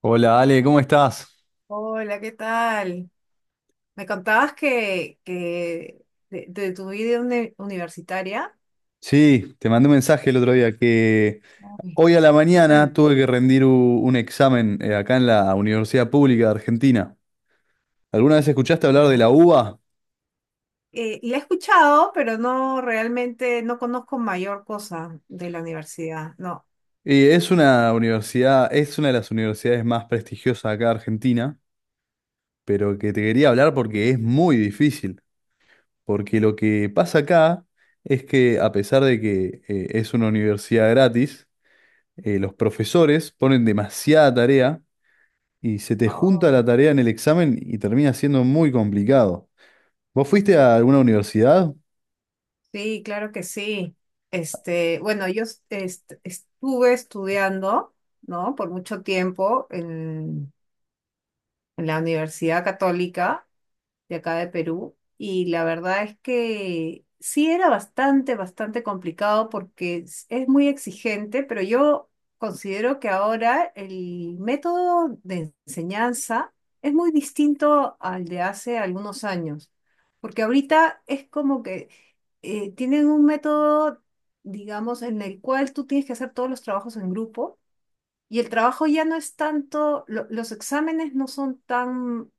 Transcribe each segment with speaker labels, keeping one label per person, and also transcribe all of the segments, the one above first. Speaker 1: Hola Ale, ¿cómo estás?
Speaker 2: Hola, ¿qué tal? Me contabas que de tu vida universitaria.
Speaker 1: Sí, te mandé un mensaje el otro día que
Speaker 2: Ay,
Speaker 1: hoy a la
Speaker 2: ¿qué
Speaker 1: mañana
Speaker 2: tal?
Speaker 1: tuve que rendir un examen, acá en la Universidad Pública de Argentina. ¿Alguna vez escuchaste hablar de
Speaker 2: Ya.
Speaker 1: la UBA?
Speaker 2: La he escuchado, pero no realmente no conozco mayor cosa de la universidad. No.
Speaker 1: Y es una universidad, es una de las universidades más prestigiosas acá de Argentina, pero que te quería hablar porque es muy difícil. Porque lo que pasa acá es que a pesar de que es una universidad gratis, los profesores ponen demasiada tarea y se te junta
Speaker 2: Oh.
Speaker 1: la tarea en el examen y termina siendo muy complicado. ¿Vos fuiste a alguna universidad?
Speaker 2: Sí, claro que sí. Este, bueno, yo estuve estudiando, ¿no? Por mucho tiempo en la Universidad Católica de acá de Perú. Y la verdad es que sí era bastante complicado porque es muy exigente, pero yo considero que ahora el método de enseñanza es muy distinto al de hace algunos años, porque ahorita es como que tienen un método, digamos, en el cual tú tienes que hacer todos los trabajos en grupo y el trabajo ya no es tanto, los exámenes no son tan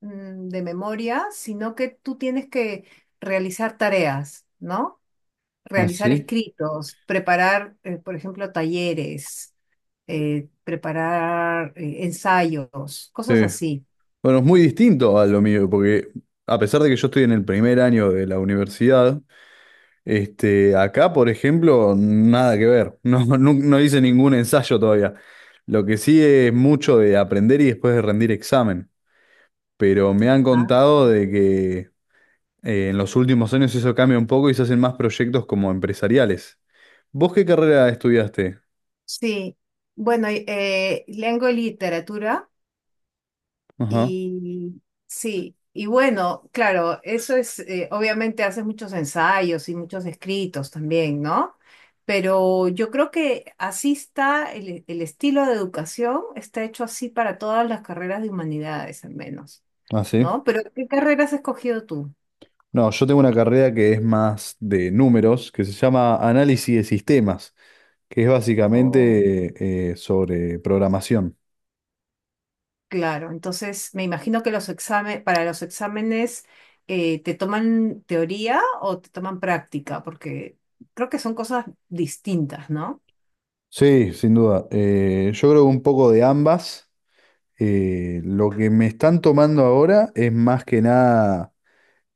Speaker 2: de memoria, sino que tú tienes que realizar tareas, ¿no?
Speaker 1: Ah,
Speaker 2: Realizar
Speaker 1: sí.
Speaker 2: escritos, preparar, por ejemplo, talleres, preparar ensayos,
Speaker 1: Sí.
Speaker 2: cosas así.
Speaker 1: Bueno, es muy distinto a lo mío, porque a pesar de que yo estoy en el primer año de la universidad, este, acá, por ejemplo, nada que ver. No, no, no hice ningún ensayo todavía. Lo que sí es mucho de aprender y después de rendir examen. Pero me han
Speaker 2: Ah,
Speaker 1: contado de que en los últimos años eso cambia un poco y se hacen más proyectos como empresariales. ¿Vos qué carrera estudiaste?
Speaker 2: sí, bueno, lengua y literatura.
Speaker 1: Ajá.
Speaker 2: Y sí, y bueno, claro, eso es, obviamente haces muchos ensayos y muchos escritos también, ¿no? Pero yo creo que así está el estilo de educación, está hecho así para todas las carreras de humanidades, al menos,
Speaker 1: Ah, sí.
Speaker 2: ¿no? Pero ¿qué carreras has escogido tú?
Speaker 1: No, yo tengo una carrera que es más de números, que se llama análisis de sistemas, que es
Speaker 2: Oh.
Speaker 1: básicamente, sobre programación.
Speaker 2: Claro, entonces me imagino que para los exámenes, ¿te toman teoría o te toman práctica? Porque creo que son cosas distintas, ¿no?
Speaker 1: Sí, sin duda. Yo creo que un poco de ambas. Lo que me están tomando ahora es más que nada,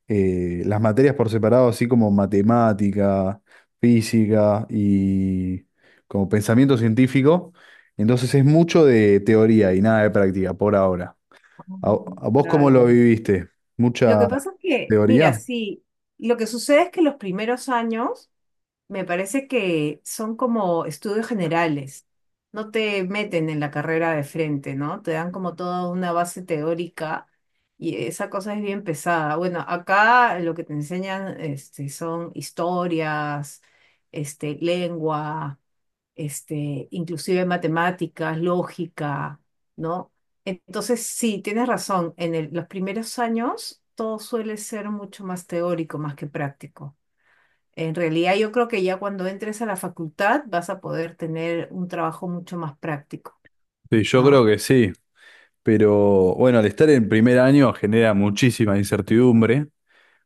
Speaker 1: las materias por separado, así como matemática, física y como pensamiento científico. Entonces es mucho de teoría y nada de práctica por ahora.
Speaker 2: Mm,
Speaker 1: A vos cómo lo
Speaker 2: claro.
Speaker 1: viviste?
Speaker 2: Lo que
Speaker 1: ¿Mucha
Speaker 2: pasa es que, mira,
Speaker 1: teoría?
Speaker 2: sí, lo que sucede es que los primeros años me parece que son como estudios generales. No te meten en la carrera de frente, ¿no? Te dan como toda una base teórica y esa cosa es bien pesada. Bueno, acá lo que te enseñan este, son historias, este, lengua este, inclusive matemáticas, lógica, ¿no? Entonces, sí, tienes razón, en los primeros años todo suele ser mucho más teórico, más que práctico. En realidad, yo creo que ya cuando entres a la facultad vas a poder tener un trabajo mucho más práctico,
Speaker 1: Sí, yo creo
Speaker 2: ¿no?
Speaker 1: que sí, pero bueno, al estar en primer año genera muchísima incertidumbre.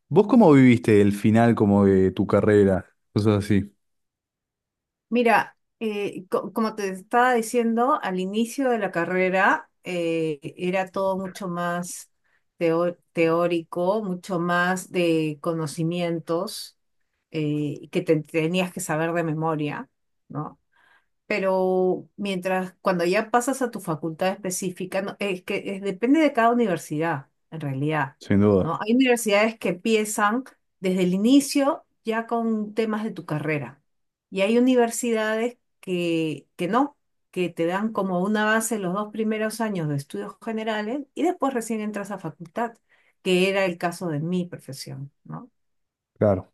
Speaker 1: ¿Vos cómo viviste el final como de tu carrera? Cosas así,
Speaker 2: Mira, como te estaba diciendo, al inicio de la carrera era todo mucho más teórico, mucho más de conocimientos que te tenías que saber de memoria, ¿no? Pero mientras, cuando ya pasas a tu facultad específica, no, es que depende de cada universidad, en realidad,
Speaker 1: sin duda.
Speaker 2: ¿no? Hay universidades que empiezan desde el inicio ya con temas de tu carrera y hay universidades que no, que te dan como una base los dos primeros años de estudios generales y después recién entras a facultad, que era el caso de mi profesión, ¿no?
Speaker 1: Claro.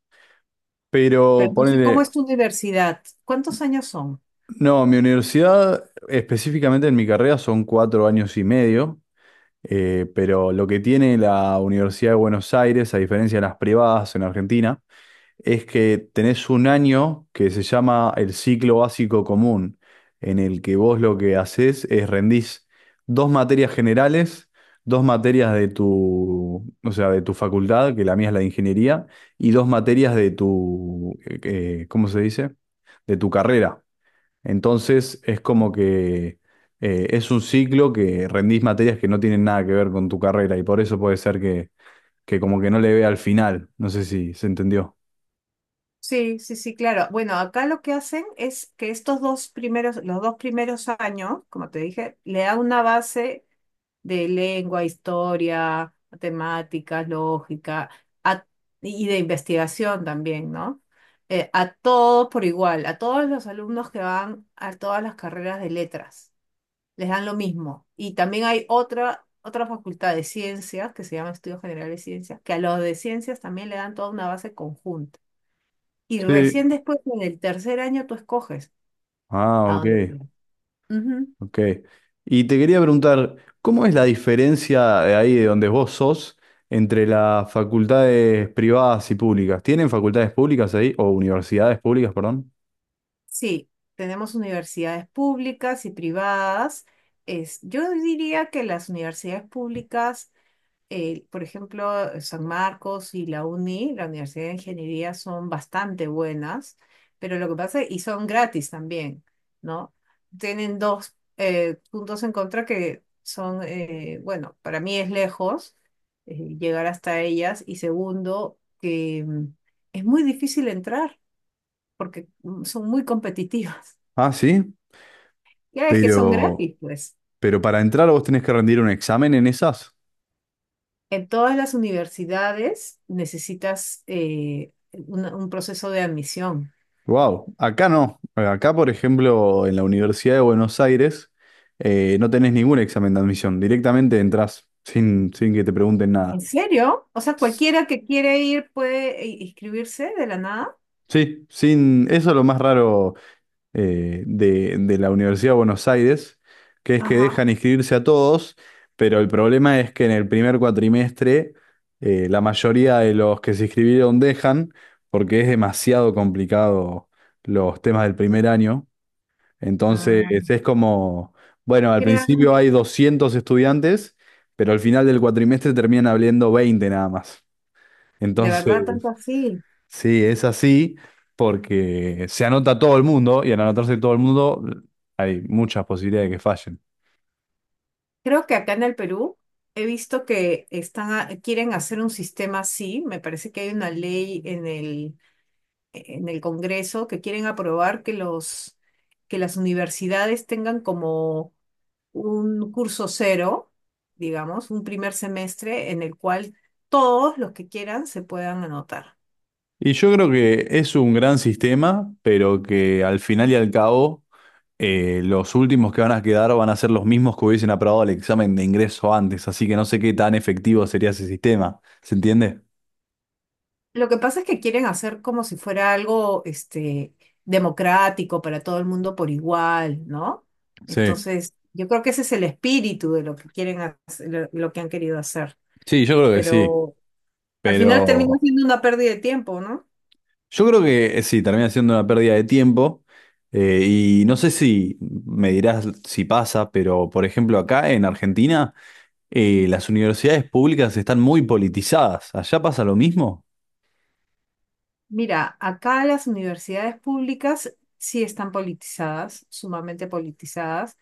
Speaker 1: Pero
Speaker 2: Pero no sé cómo
Speaker 1: ponele,
Speaker 2: es tu universidad. ¿Cuántos años son?
Speaker 1: no, mi universidad, específicamente en mi carrera, son 4 años y medio, pero lo que tiene la Universidad de Buenos Aires, a diferencia de las privadas en Argentina, es que tenés un año que se llama el ciclo básico común, en el que vos lo que haces es rendís dos materias generales, dos materias de tu, o sea, de tu facultad, que la mía es la de ingeniería, y dos materias de tu, ¿cómo se dice? De tu carrera. Entonces es como que, es un ciclo que rendís materias que no tienen nada que ver con tu carrera y por eso puede ser que como que no le vea al final. No sé si se entendió.
Speaker 2: Sí, sí, sí, claro. Bueno, acá lo que hacen es que los dos primeros años, como te dije, le da una base de lengua, historia, matemáticas, lógica, a- y de investigación también, ¿no? A todos por igual, a todos los alumnos que van a todas las carreras de letras les dan lo mismo. Y también hay otra facultad de ciencias que se llama Estudios Generales de Ciencias, que a los de ciencias también le dan toda una base conjunta. Y
Speaker 1: Sí,
Speaker 2: recién después, en el tercer año, tú escoges
Speaker 1: ah,
Speaker 2: a
Speaker 1: ok,
Speaker 2: dónde te vas. Ujú.
Speaker 1: ok. Y te quería preguntar, ¿cómo es la diferencia de ahí de donde vos sos entre las facultades privadas y públicas? ¿Tienen facultades públicas ahí o universidades públicas, perdón?
Speaker 2: Sí, tenemos universidades públicas y privadas. Es, yo diría que las universidades públicas por ejemplo, San Marcos y la UNI, la Universidad de Ingeniería, son bastante buenas, pero lo que pasa, y son gratis también, ¿no? Tienen dos puntos en contra que son, bueno, para mí es lejos llegar hasta ellas, y segundo, que es muy difícil entrar porque son muy competitivas.
Speaker 1: Ah, sí,
Speaker 2: Ya ves que son
Speaker 1: pero,
Speaker 2: gratis, pues.
Speaker 1: pero para entrar vos tenés que rendir un examen en esas.
Speaker 2: En todas las universidades necesitas un proceso de admisión.
Speaker 1: Wow, acá no. Acá, por ejemplo, en la Universidad de Buenos Aires, no tenés ningún examen de admisión. Directamente entrás sin, sin que te pregunten
Speaker 2: ¿En
Speaker 1: nada.
Speaker 2: serio? O sea,
Speaker 1: S-
Speaker 2: cualquiera que quiere ir puede inscribirse de la nada.
Speaker 1: Sí, sin, eso es lo más raro, de la Universidad de Buenos Aires, que es que
Speaker 2: Ajá.
Speaker 1: dejan inscribirse a todos, pero el problema es que en el primer cuatrimestre, la mayoría de los que se inscribieron dejan, porque es demasiado complicado los temas del primer año. Entonces
Speaker 2: Ah,
Speaker 1: es como, bueno, al principio
Speaker 2: crean,
Speaker 1: hay 200 estudiantes, pero al final del cuatrimestre terminan habiendo 20 nada más.
Speaker 2: de
Speaker 1: Entonces...
Speaker 2: verdad, tanto así.
Speaker 1: Sí, es así porque se anota todo el mundo y al anotarse todo el mundo hay muchas posibilidades de que fallen.
Speaker 2: Creo que acá en el Perú he visto que están, quieren hacer un sistema así. Me parece que hay una ley en en el Congreso que quieren aprobar que que las universidades tengan como un curso cero, digamos, un primer semestre en el cual todos los que quieran se puedan anotar.
Speaker 1: Y yo creo que es un gran sistema, pero que al final y al cabo, los últimos que van a quedar van a ser los mismos que hubiesen aprobado el examen de ingreso antes, así que no sé qué tan efectivo sería ese sistema, ¿se entiende?
Speaker 2: Lo que pasa es que quieren hacer como si fuera algo, este, democrático para todo el mundo por igual, ¿no?
Speaker 1: Sí,
Speaker 2: Entonces, yo creo que ese es el espíritu de lo que quieren hacer, lo que han querido hacer.
Speaker 1: sí, yo creo que sí,
Speaker 2: Pero al final termina
Speaker 1: pero...
Speaker 2: siendo una pérdida de tiempo, ¿no?
Speaker 1: Yo creo que, sí, termina siendo una pérdida de tiempo. Y no sé si me dirás si pasa, pero por ejemplo acá en Argentina, las universidades públicas están muy politizadas. ¿Allá pasa lo mismo?
Speaker 2: Mira, acá las universidades públicas sí están politizadas, sumamente politizadas.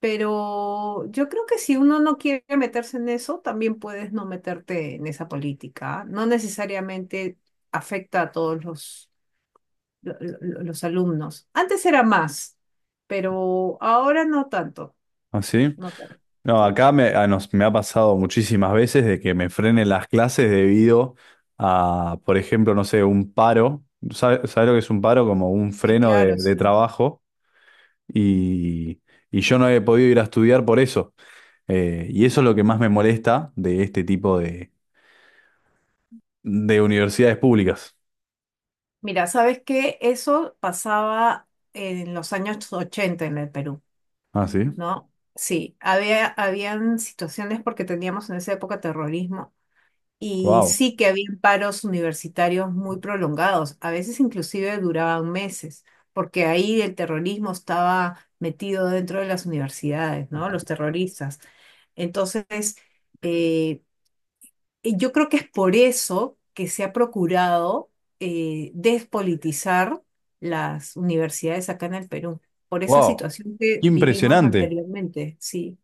Speaker 2: Pero yo creo que si uno no quiere meterse en eso, también puedes no meterte en esa política. ¿Ah? No necesariamente afecta a todos los alumnos. Antes era más, pero ahora no tanto.
Speaker 1: ¿Así?
Speaker 2: No tanto.
Speaker 1: No,
Speaker 2: Sí,
Speaker 1: acá me, me ha pasado muchísimas veces de que me frenen las clases debido a, por ejemplo, no sé, un paro. ¿Sabes lo que es un paro? Como un
Speaker 2: sí,
Speaker 1: freno
Speaker 2: claro,
Speaker 1: de
Speaker 2: sí.
Speaker 1: trabajo. Y, y yo no he podido ir a estudiar por eso. Y eso es lo que más me molesta de este tipo de universidades públicas.
Speaker 2: Mira, ¿sabes qué? Eso pasaba en los años 80 en el Perú,
Speaker 1: Ah, sí.
Speaker 2: ¿no? Sí, habían situaciones porque teníamos en esa época terrorismo. Y
Speaker 1: Wow.
Speaker 2: sí que había paros universitarios muy prolongados, a veces inclusive duraban meses, porque ahí el terrorismo estaba metido dentro de las universidades, ¿no? Los terroristas. Entonces, eh, y yo creo que es por eso que se ha procurado despolitizar las universidades acá en el Perú, por esa
Speaker 1: Wow.
Speaker 2: situación que vivimos
Speaker 1: Impresionante.
Speaker 2: anteriormente, sí.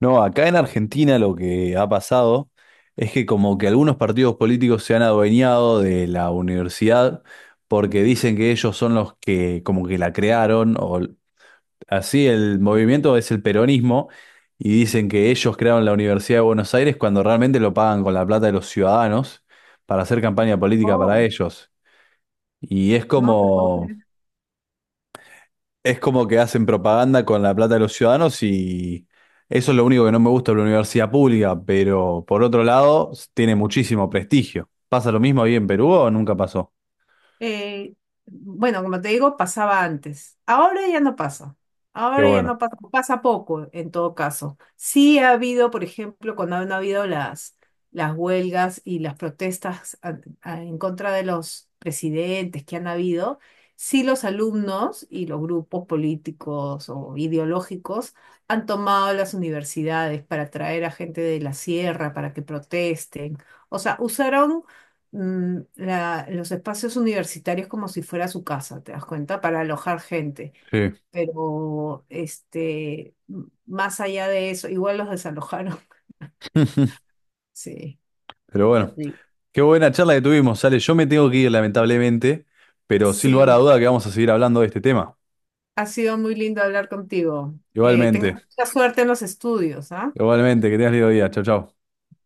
Speaker 1: No, acá en Argentina lo que ha pasado es que como que algunos partidos políticos se han adueñado de la universidad porque dicen que ellos son los que como que la crearon así el movimiento es el peronismo y dicen que ellos crearon la Universidad de Buenos Aires cuando realmente lo pagan con la plata de los ciudadanos para hacer campaña política para
Speaker 2: Oh,
Speaker 1: ellos. Y
Speaker 2: no te puedo.
Speaker 1: es como que hacen propaganda con la plata de los ciudadanos y eso es lo único que no me gusta de la universidad pública, pero por otro lado, tiene muchísimo prestigio. ¿Pasa lo mismo ahí en Perú o nunca pasó?
Speaker 2: Eh, bueno, como te digo, pasaba antes. Ahora ya no pasa.
Speaker 1: Qué
Speaker 2: Ahora ya
Speaker 1: bueno.
Speaker 2: no pasa. Pasa poco, en todo caso. Sí ha habido, por ejemplo, cuando han habido las huelgas y las protestas en contra de los presidentes que han habido, sí los alumnos y los grupos políticos o ideológicos han tomado las universidades para traer a gente de la sierra para que protesten. O sea, usaron los espacios universitarios como si fuera su casa, ¿te das cuenta? Para alojar gente.
Speaker 1: Sí,
Speaker 2: Pero este, más allá de eso, igual los desalojaron. Sí,
Speaker 1: pero bueno.
Speaker 2: terrible.
Speaker 1: Qué buena charla que tuvimos, Sale. Yo me tengo que ir, lamentablemente, pero sin lugar a
Speaker 2: Sí,
Speaker 1: duda que vamos a seguir hablando de este tema.
Speaker 2: ha sido muy lindo hablar contigo. Que tengas
Speaker 1: Igualmente,
Speaker 2: mucha suerte en los estudios, ¿ah?
Speaker 1: igualmente, que tengas lindo día. Chau, chau.